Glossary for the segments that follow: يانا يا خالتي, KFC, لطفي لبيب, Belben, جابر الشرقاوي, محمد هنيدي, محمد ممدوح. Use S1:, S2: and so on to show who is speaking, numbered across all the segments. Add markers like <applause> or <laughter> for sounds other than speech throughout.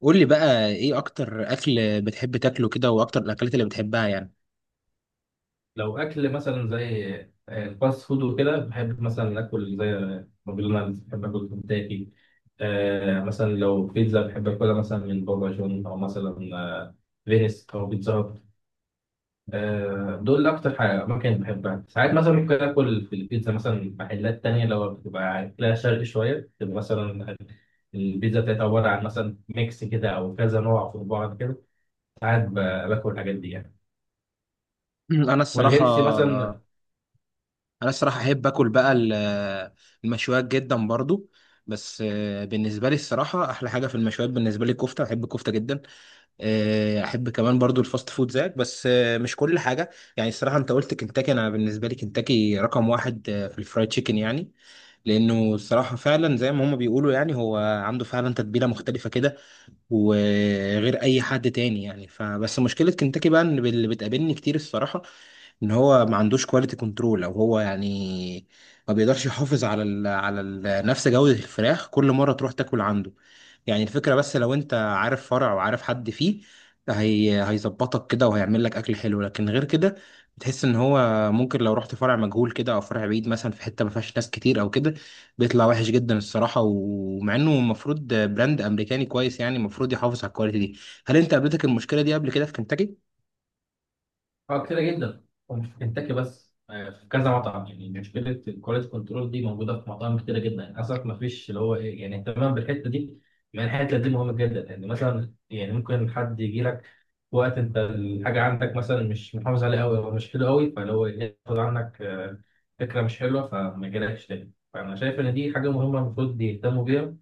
S1: قول لي بقى ايه اكتر اكل بتحب تاكله كده واكتر الاكلات اللي بتحبها يعني؟
S2: لو اكل مثلا زي الفاست فود وكده، بحب مثلا اكل زي ماكدونالدز، بحب اكل كنتاكي. مثلا لو بيتزا بحب اكلها مثلا من بابا جون، او مثلا فينيس او بيتزا هات. دول اكتر حاجه اماكن بحبها. ساعات مثلا ممكن اكل في البيتزا مثلا محلات تانية، لو بتبقى اكلها شرقي شويه تبقى مثلا البيتزا بتاعتها عباره عن مثلا ميكس كده، او كذا نوع في بعض كده. ساعات باكل الحاجات دي يعني.
S1: <clears throat> انا الصراحه
S2: والهيلثي مثلا.
S1: انا الصراحه احب اكل بقى المشويات جدا برضو. بس بالنسبه لي الصراحه احلى حاجه في المشويات، بالنسبه لي الكفته، بحب الكفته جدا. احب كمان برضو الفاست فود زيك، بس مش كل حاجه. يعني الصراحه، انت قلت كنتاكي، انا بالنسبه لي كنتاكي رقم واحد في الفرايد تشيكن يعني. لانه الصراحه فعلا زي ما هما بيقولوا، يعني هو عنده فعلا تتبيله مختلفه كده وغير اي حد تاني يعني. فبس مشكله كنتاكي بقى ان اللي بتقابلني كتير الصراحه ان هو ما عندوش كواليتي كنترول، او هو يعني ما بيقدرش يحافظ على ال نفس جودة الفراخ كل مرة تروح تاكل عنده. يعني الفكرة بس لو انت عارف فرع وعارف حد فيه، هي هيظبطك كده وهيعمل لك اكل حلو، لكن غير كده بتحس ان هو ممكن لو رحت فرع مجهول كده او فرع بعيد مثلا في حتة ما فيهاش ناس كتير او كده، بيطلع وحش جدا الصراحة. ومع انه المفروض براند امريكاني كويس، يعني المفروض يحافظ على الكواليتي دي. هل انت قابلتك المشكلة دي قبل كده في كنتاكي؟
S2: اه، كتيرة جدا ومش في كنتاكي بس، في كذا مطعم يعني. مشكلة الكواليتي كنترول دي موجودة في مطاعم كتيرة جدا يعني، للأسف ما فيش اللي هو إيه يعني اهتمام بالحتة دي. يعني الحتة دي مهمة جدا يعني، مثلا يعني ممكن حد يجي لك في وقت أنت الحاجة عندك مثلا مش محافظ عليها أوي، أو مش حلوة أوي، فاللي هو إيه، ياخد عنك فكرة مش حلوة فما يجيلكش تاني. فأنا شايف إن دي حاجة مهمة المفروض يهتموا بيها.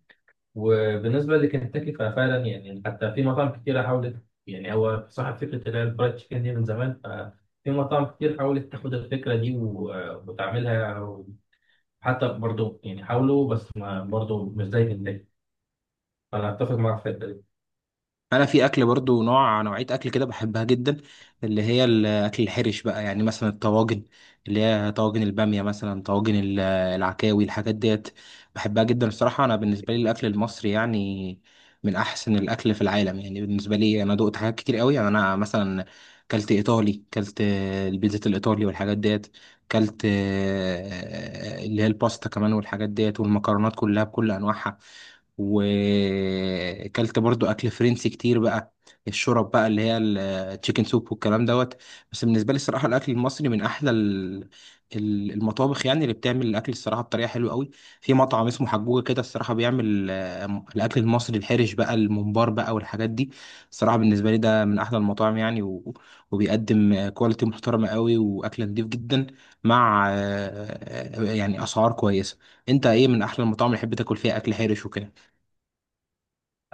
S2: وبالنسبة لكنتاكي ففعلا يعني، حتى في مطاعم كتيرة حاولت، يعني هو صاحب فكرة اللي هي الفرايد تشيكن دي من زمان، ففي مطاعم كتير حاولت تاخد الفكرة دي وتعملها، حتى برضو يعني حاولوا، بس ما برضو مش زي كنتاكي. فأنا أتفق معاك في الحتة دي.
S1: انا في اكل برضو نوع نوعيه اكل كده بحبها جدا، اللي هي الاكل الحرش بقى. يعني مثلا الطواجن، اللي هي طواجن الباميه، مثلا طواجن العكاوي، الحاجات ديت بحبها جدا الصراحه. انا بالنسبه لي الاكل المصري يعني من احسن الاكل في العالم. يعني بالنسبه لي انا دقت حاجات كتير قوي. يعني انا مثلا كلت ايطالي، كلت البيتزا الايطالي والحاجات ديت. كلت اللي هي الباستا كمان والحاجات ديت والمكرونات كلها بكل انواعها. وكلت برضو اكل فرنسي كتير بقى، الشرب بقى اللي هي التشيكن سوب والكلام دوت. بس بالنسبه لي الصراحه الاكل المصري من احلى المطابخ يعني، اللي بتعمل الاكل الصراحه بطريقه حلوه قوي. في مطعم اسمه حجوجه كده الصراحه بيعمل الاكل المصري الحرش بقى، الممبار بقى والحاجات دي. الصراحه بالنسبه لي ده من احلى المطاعم يعني، وبيقدم كواليتي محترمه قوي واكل نضيف جدا، مع يعني اسعار كويسه. انت ايه من احلى المطاعم اللي تحب تاكل فيها اكل حرش وكده؟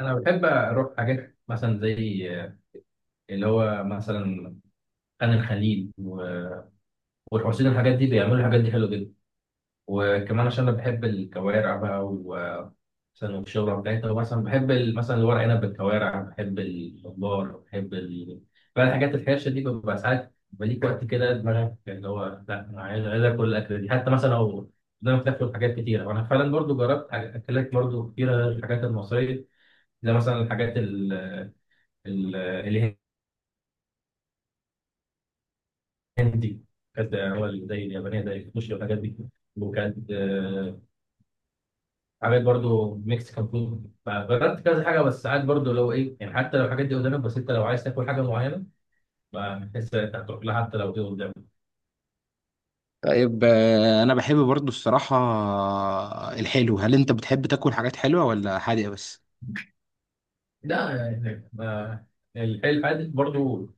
S2: أنا بحب أروح حاجات مثلا زي اللي هو مثلا خان الخليل والحسين، الحاجات دي بيعملوا الحاجات دي حلوة جدا. وكمان عشان انا بحب الكوارع بقى، و مثلا والشوربه بتاعتها مثلا، بحب مثلا الورق عنب بالكوارع، بحب الخضار، بحب ال... بقى الحاجات الحرشه دي. ببقى ساعات بليك وقت كده دماغك اللي هو لا، انا عايز، عايز اكل الاكله دي، حتى مثلا لو قدامك تاكل حاجات كتيره. وانا فعلا برضو جربت اكلات برضو كتيره غير الحاجات المصريه، زي مثلا الحاجات ال... الهندي، كانت هو زي اليابانيه زي السوشي والحاجات دي، وكانت عامل برضو مكسيكان فود، فجربت كذا حاجه. بس ساعات برضو لو ايه يعني، حتى لو الحاجات دي قدامك، بس انت لو عايز تاكل حاجه معينه فبتحس انت هتروح لها حتى لو دي قدامك.
S1: طيب انا بحب برضو الصراحة الحلو. هل انت بتحب تاكل حاجات حلوة ولا حادقة بس؟
S2: لا يعني الحلو الحادق برضو.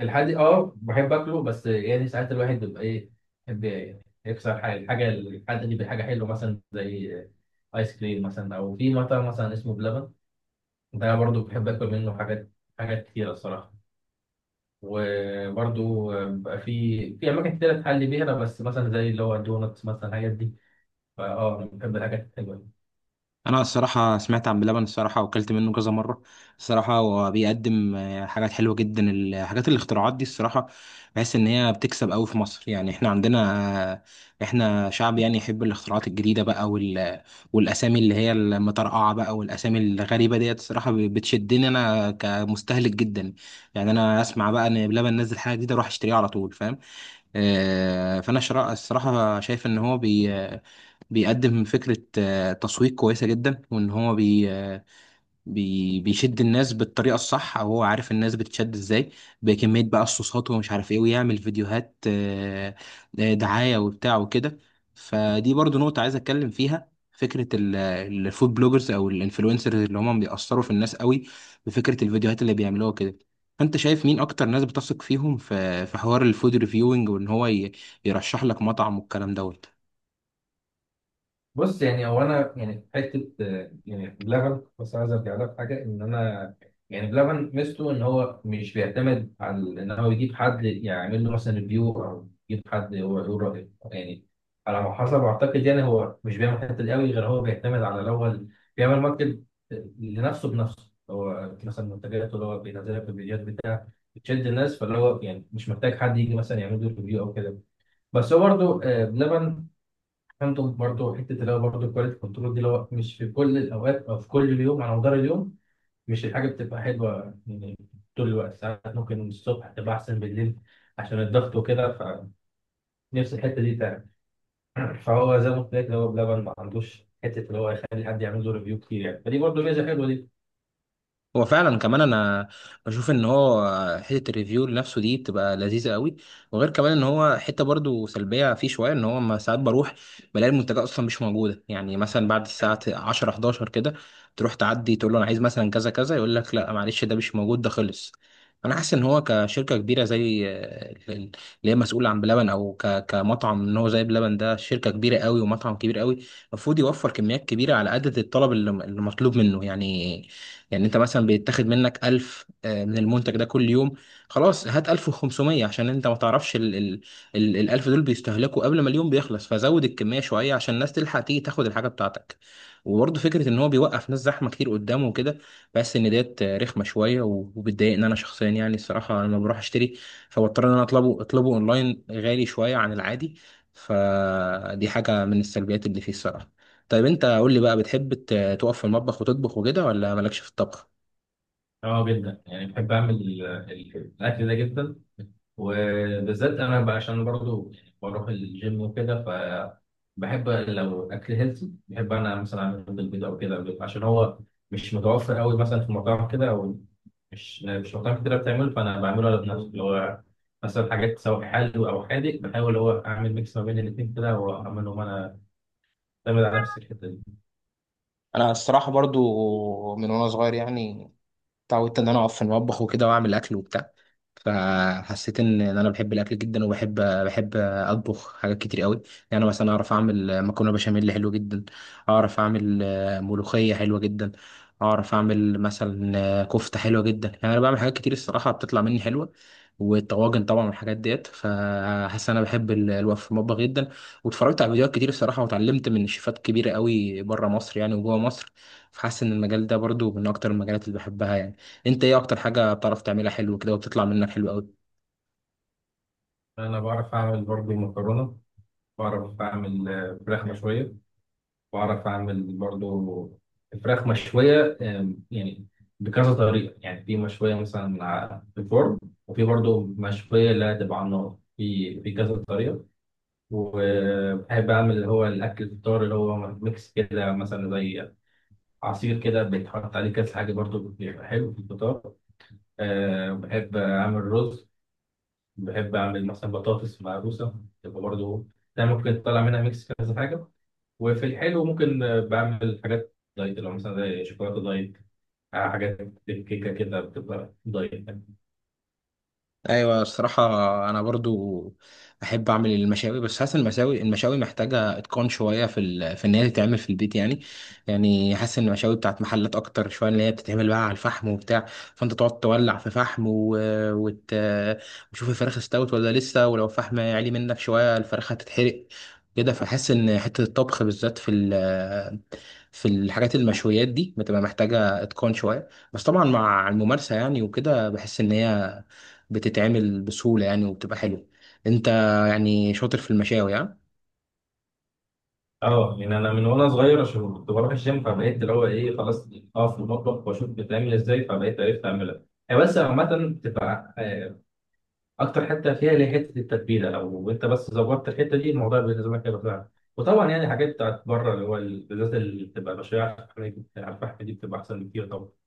S2: الحادق اه بحب اكله، بس يعني ساعات الواحد بيبقى ايه، بيحب يكسر حاجه، الحاجه الحادق دي بحاجه حلوه مثلا زي ايس كريم مثلا، او في مطعم مثلا اسمه بلبن، ده برضو بحب اكل منه حاجات، حاجات كتيره الصراحه. وبرضو بقى في في اماكن كتير تحلي بيها أنا، بس مثلا زي اللي هو الدونتس مثلا الحاجات دي. فاه أه، انا بحب الحاجات الحلوه دي.
S1: انا الصراحة سمعت عن بلبن الصراحة وكلت منه كذا مرة. الصراحة هو بيقدم حاجات حلوة جدا، الحاجات الاختراعات دي الصراحة. بحس ان هي بتكسب قوي في مصر. يعني احنا عندنا آه، احنا شعب يعني يحب الاختراعات الجديدة بقى والاسامي اللي هي المطرقعة بقى والاسامي الغريبة ديت الصراحة بتشدني انا كمستهلك جدا. يعني انا اسمع بقى ان بلبن نزل حاجة جديدة اروح اشتريها على طول، فاهم؟ فانا الصراحه شايف ان هو بيقدم فكره تسويق كويسه جدا، وان هو بي آه، بي بيشد الناس بالطريقه الصح، او هو عارف الناس بتشد ازاي بكميه بقى الصوصات ومش عارف ايه، ويعمل فيديوهات دعايه وبتاع وكده. فدي برضو نقطه عايز اتكلم فيها، فكره الفود بلوجرز او الانفلونسرز اللي هم بيأثروا في الناس قوي بفكره الفيديوهات اللي بيعملوها كده. فانت شايف مين اكتر ناس بتثق فيهم في حوار الفود ريفيوينج، وان هو يرشح لك مطعم والكلام دوت؟
S2: بص يعني هو انا يعني في حته يعني بلبن، بس عايز ارجع لك حاجه ان انا، يعني بلبن ميزته ان هو مش بيعتمد على ان هو يجيب حد يعمل له مثلا ريفيو، او يجيب حد هو يقول رايه يعني، على ما حسب اعتقد. يعني هو مش بيعمل الحته دي قوي، غير هو بيعتمد على الاول بيعمل ماركت لنفسه بنفسه، هو مثلا منتجاته اللي هو بينزلها في الفيديوهات بتشد الناس، فاللي هو يعني مش محتاج حد يجي مثلا يعمل له ريفيو او كده. بس هو برضه بلبن عنده برضه حته اللي هو برضه الكواليتي كنترول دي، اللي هو مش في كل الاوقات او في كل اليوم على مدار اليوم، مش الحاجه بتبقى حلوه يعني طول الوقت. ساعات ممكن الصبح تبقى احسن بالليل عشان الضغط وكده، فنفس الحته دي تعمل. فهو زي ما قلت لك، اللي هو بلبن ما عندوش حته اللي هو يخلي حد يعمل له ريفيو كتير يعني، فدي برضه ميزه حلوه دي.
S1: هو فعلا كمان انا بشوف ان هو حته الريفيو لنفسه دي بتبقى لذيذه قوي. وغير كمان ان هو حته برضو سلبيه فيه شويه، ان هو ما ساعات بروح بلاقي المنتجات اصلا مش موجوده. يعني مثلا بعد الساعه 10 11 كده تروح تعدي تقول له انا عايز مثلا كذا كذا، يقول لك لا معلش، ده مش موجود، ده خلص. انا حاسس ان هو كشركه كبيره زي اللي هي مسؤوله عن بلبن، او كمطعم ان هو زي بلبن، ده شركه كبيره قوي ومطعم كبير قوي، المفروض يوفر كميات كبيره على عدد الطلب اللي مطلوب منه يعني. يعني انت مثلا بيتاخد منك 1000 من المنتج ده كل يوم، خلاص هات 1500 عشان انت ما تعرفش ال 1000 دول بيستهلكوا قبل ما اليوم بيخلص. فزود الكمية شوية عشان الناس تلحق تيجي تاخد الحاجة بتاعتك. وبرضه فكرة ان هو بيوقف ناس زحمة كتير قدامه وكده، بس ان ديت رخمة شوية وبتضايقني انا شخصيا يعني. الصراحة انا لما بروح اشتري فبضطر ان انا اطلبه اونلاين، غالي شوية عن العادي. فدي حاجة من السلبيات اللي فيه الصراحة. طيب انت قول لي بقى، بتحب تقف في المطبخ وتطبخ وكده، ولا مالكش في الطبخ؟
S2: اه جدا، يعني بحب اعمل الاكل ده جدا. وبالذات انا بقى عشان برضو يعني بروح الجيم وكده، ف بحب لو اكل هيلثي، بحب انا مثلا اعمل بالبيض او كده، عشان هو مش متوفر قوي مثلا في مطاعم كده، او مش مش مطاعم كتير بتعمله، فانا بعمله انا بنفسي اللي هو، مثلا حاجات سواء حلو او حادق، بحاول اللي هو اعمل ميكس ما بين الاثنين كده واعملهم انا، اعتمد على نفسي الحته دي.
S1: انا الصراحه برضو من وانا صغير يعني اتعودت ان انا اقف في المطبخ وكده واعمل اكل وبتاع. فحسيت ان انا بحب الاكل جدا، وبحب اطبخ حاجات كتير قوي. يعني انا مثلا اعرف اعمل مكرونه بشاميل حلو جدا، اعرف اعمل ملوخيه حلوه جدا، اعرف اعمل مثلا كفته حلوه جدا. يعني انا بعمل حاجات كتير الصراحه بتطلع مني حلوه، والطواجن طبعا والحاجات ديت. فحاسس إن انا بحب الوقف في المطبخ جدا، واتفرجت على فيديوهات كتير الصراحه واتعلمت من شيفات كبيره قوي بره مصر يعني وجوه مصر. فحاسس ان المجال ده برضو من اكتر المجالات اللي بحبها يعني. انت ايه اكتر حاجه بتعرف تعملها حلو كده وبتطلع منك حلو قوي؟
S2: انا بعرف اعمل برضو مكرونه، بعرف اعمل فراخ مشويه، بعرف أعمل برضو الفراخ مشوية يعني بكذا طريقة، يعني في مشوية مثلا في الفرن، وفي برضو مشوية لا تبقى على النار، في كذا طريقة. وبحب أعمل اللي هو الأكل الفطار اللي هو ميكس كده، مثلا زي عصير كده بيتحط عليه كذا حاجة برضو بيبقى حلو في الفطار. أه بحب أعمل رز، بحب أعمل مثلا بطاطس مهروسة تبقى برضو، ده ممكن تطلع منها ميكس كذا حاجة. وفي الحلو ممكن بعمل حاجات دايت، لو مثلا زي شوكولاته دايت، حاجات كيكه كده بتبقى دايت يعني.
S1: ايوه الصراحه، انا برضو احب اعمل المشاوي، بس حاسس المشاوي محتاجه اتقان شويه في في ان هي تتعمل في البيت يعني. يعني حاسس ان المشاوي بتاعت محلات اكتر شويه، اللي هي بتتعمل بقى على الفحم وبتاع، فانت تقعد تولع في فحم وت... وتشوف الفراخ استوت ولا لسه، ولو الفحم عالي منك شويه الفراخ هتتحرق كده. فحاسس ان حته الطبخ بالذات في في الحاجات المشويات دي بتبقى محتاجه اتقان شويه، بس طبعا مع الممارسه يعني، وكده بحس ان هي بتتعمل بسهولة يعني وبتبقى حلوة. انت يعني شاطر في المشاوي ها؟
S2: اه، يعني انا من وانا صغير عشان كنت بروح الجيم، فبقيت اللي هو ايه خلاص اقف في المطبخ واشوف بتعمل ازاي، فبقيت عرفت اعملها. هي بس عامة بتبقى أكتر حتة فيها اللي هي حتة التتبيلة، لو أنت بس ظبطت الحتة دي الموضوع بالنسبة لك هيبقى سهل. وطبعا يعني حاجات بتاعت بره اللي هو بالذات اللي بتبقى بشرية على الفحم، على الفحم دي بتبقى أحسن بكتير طبعا.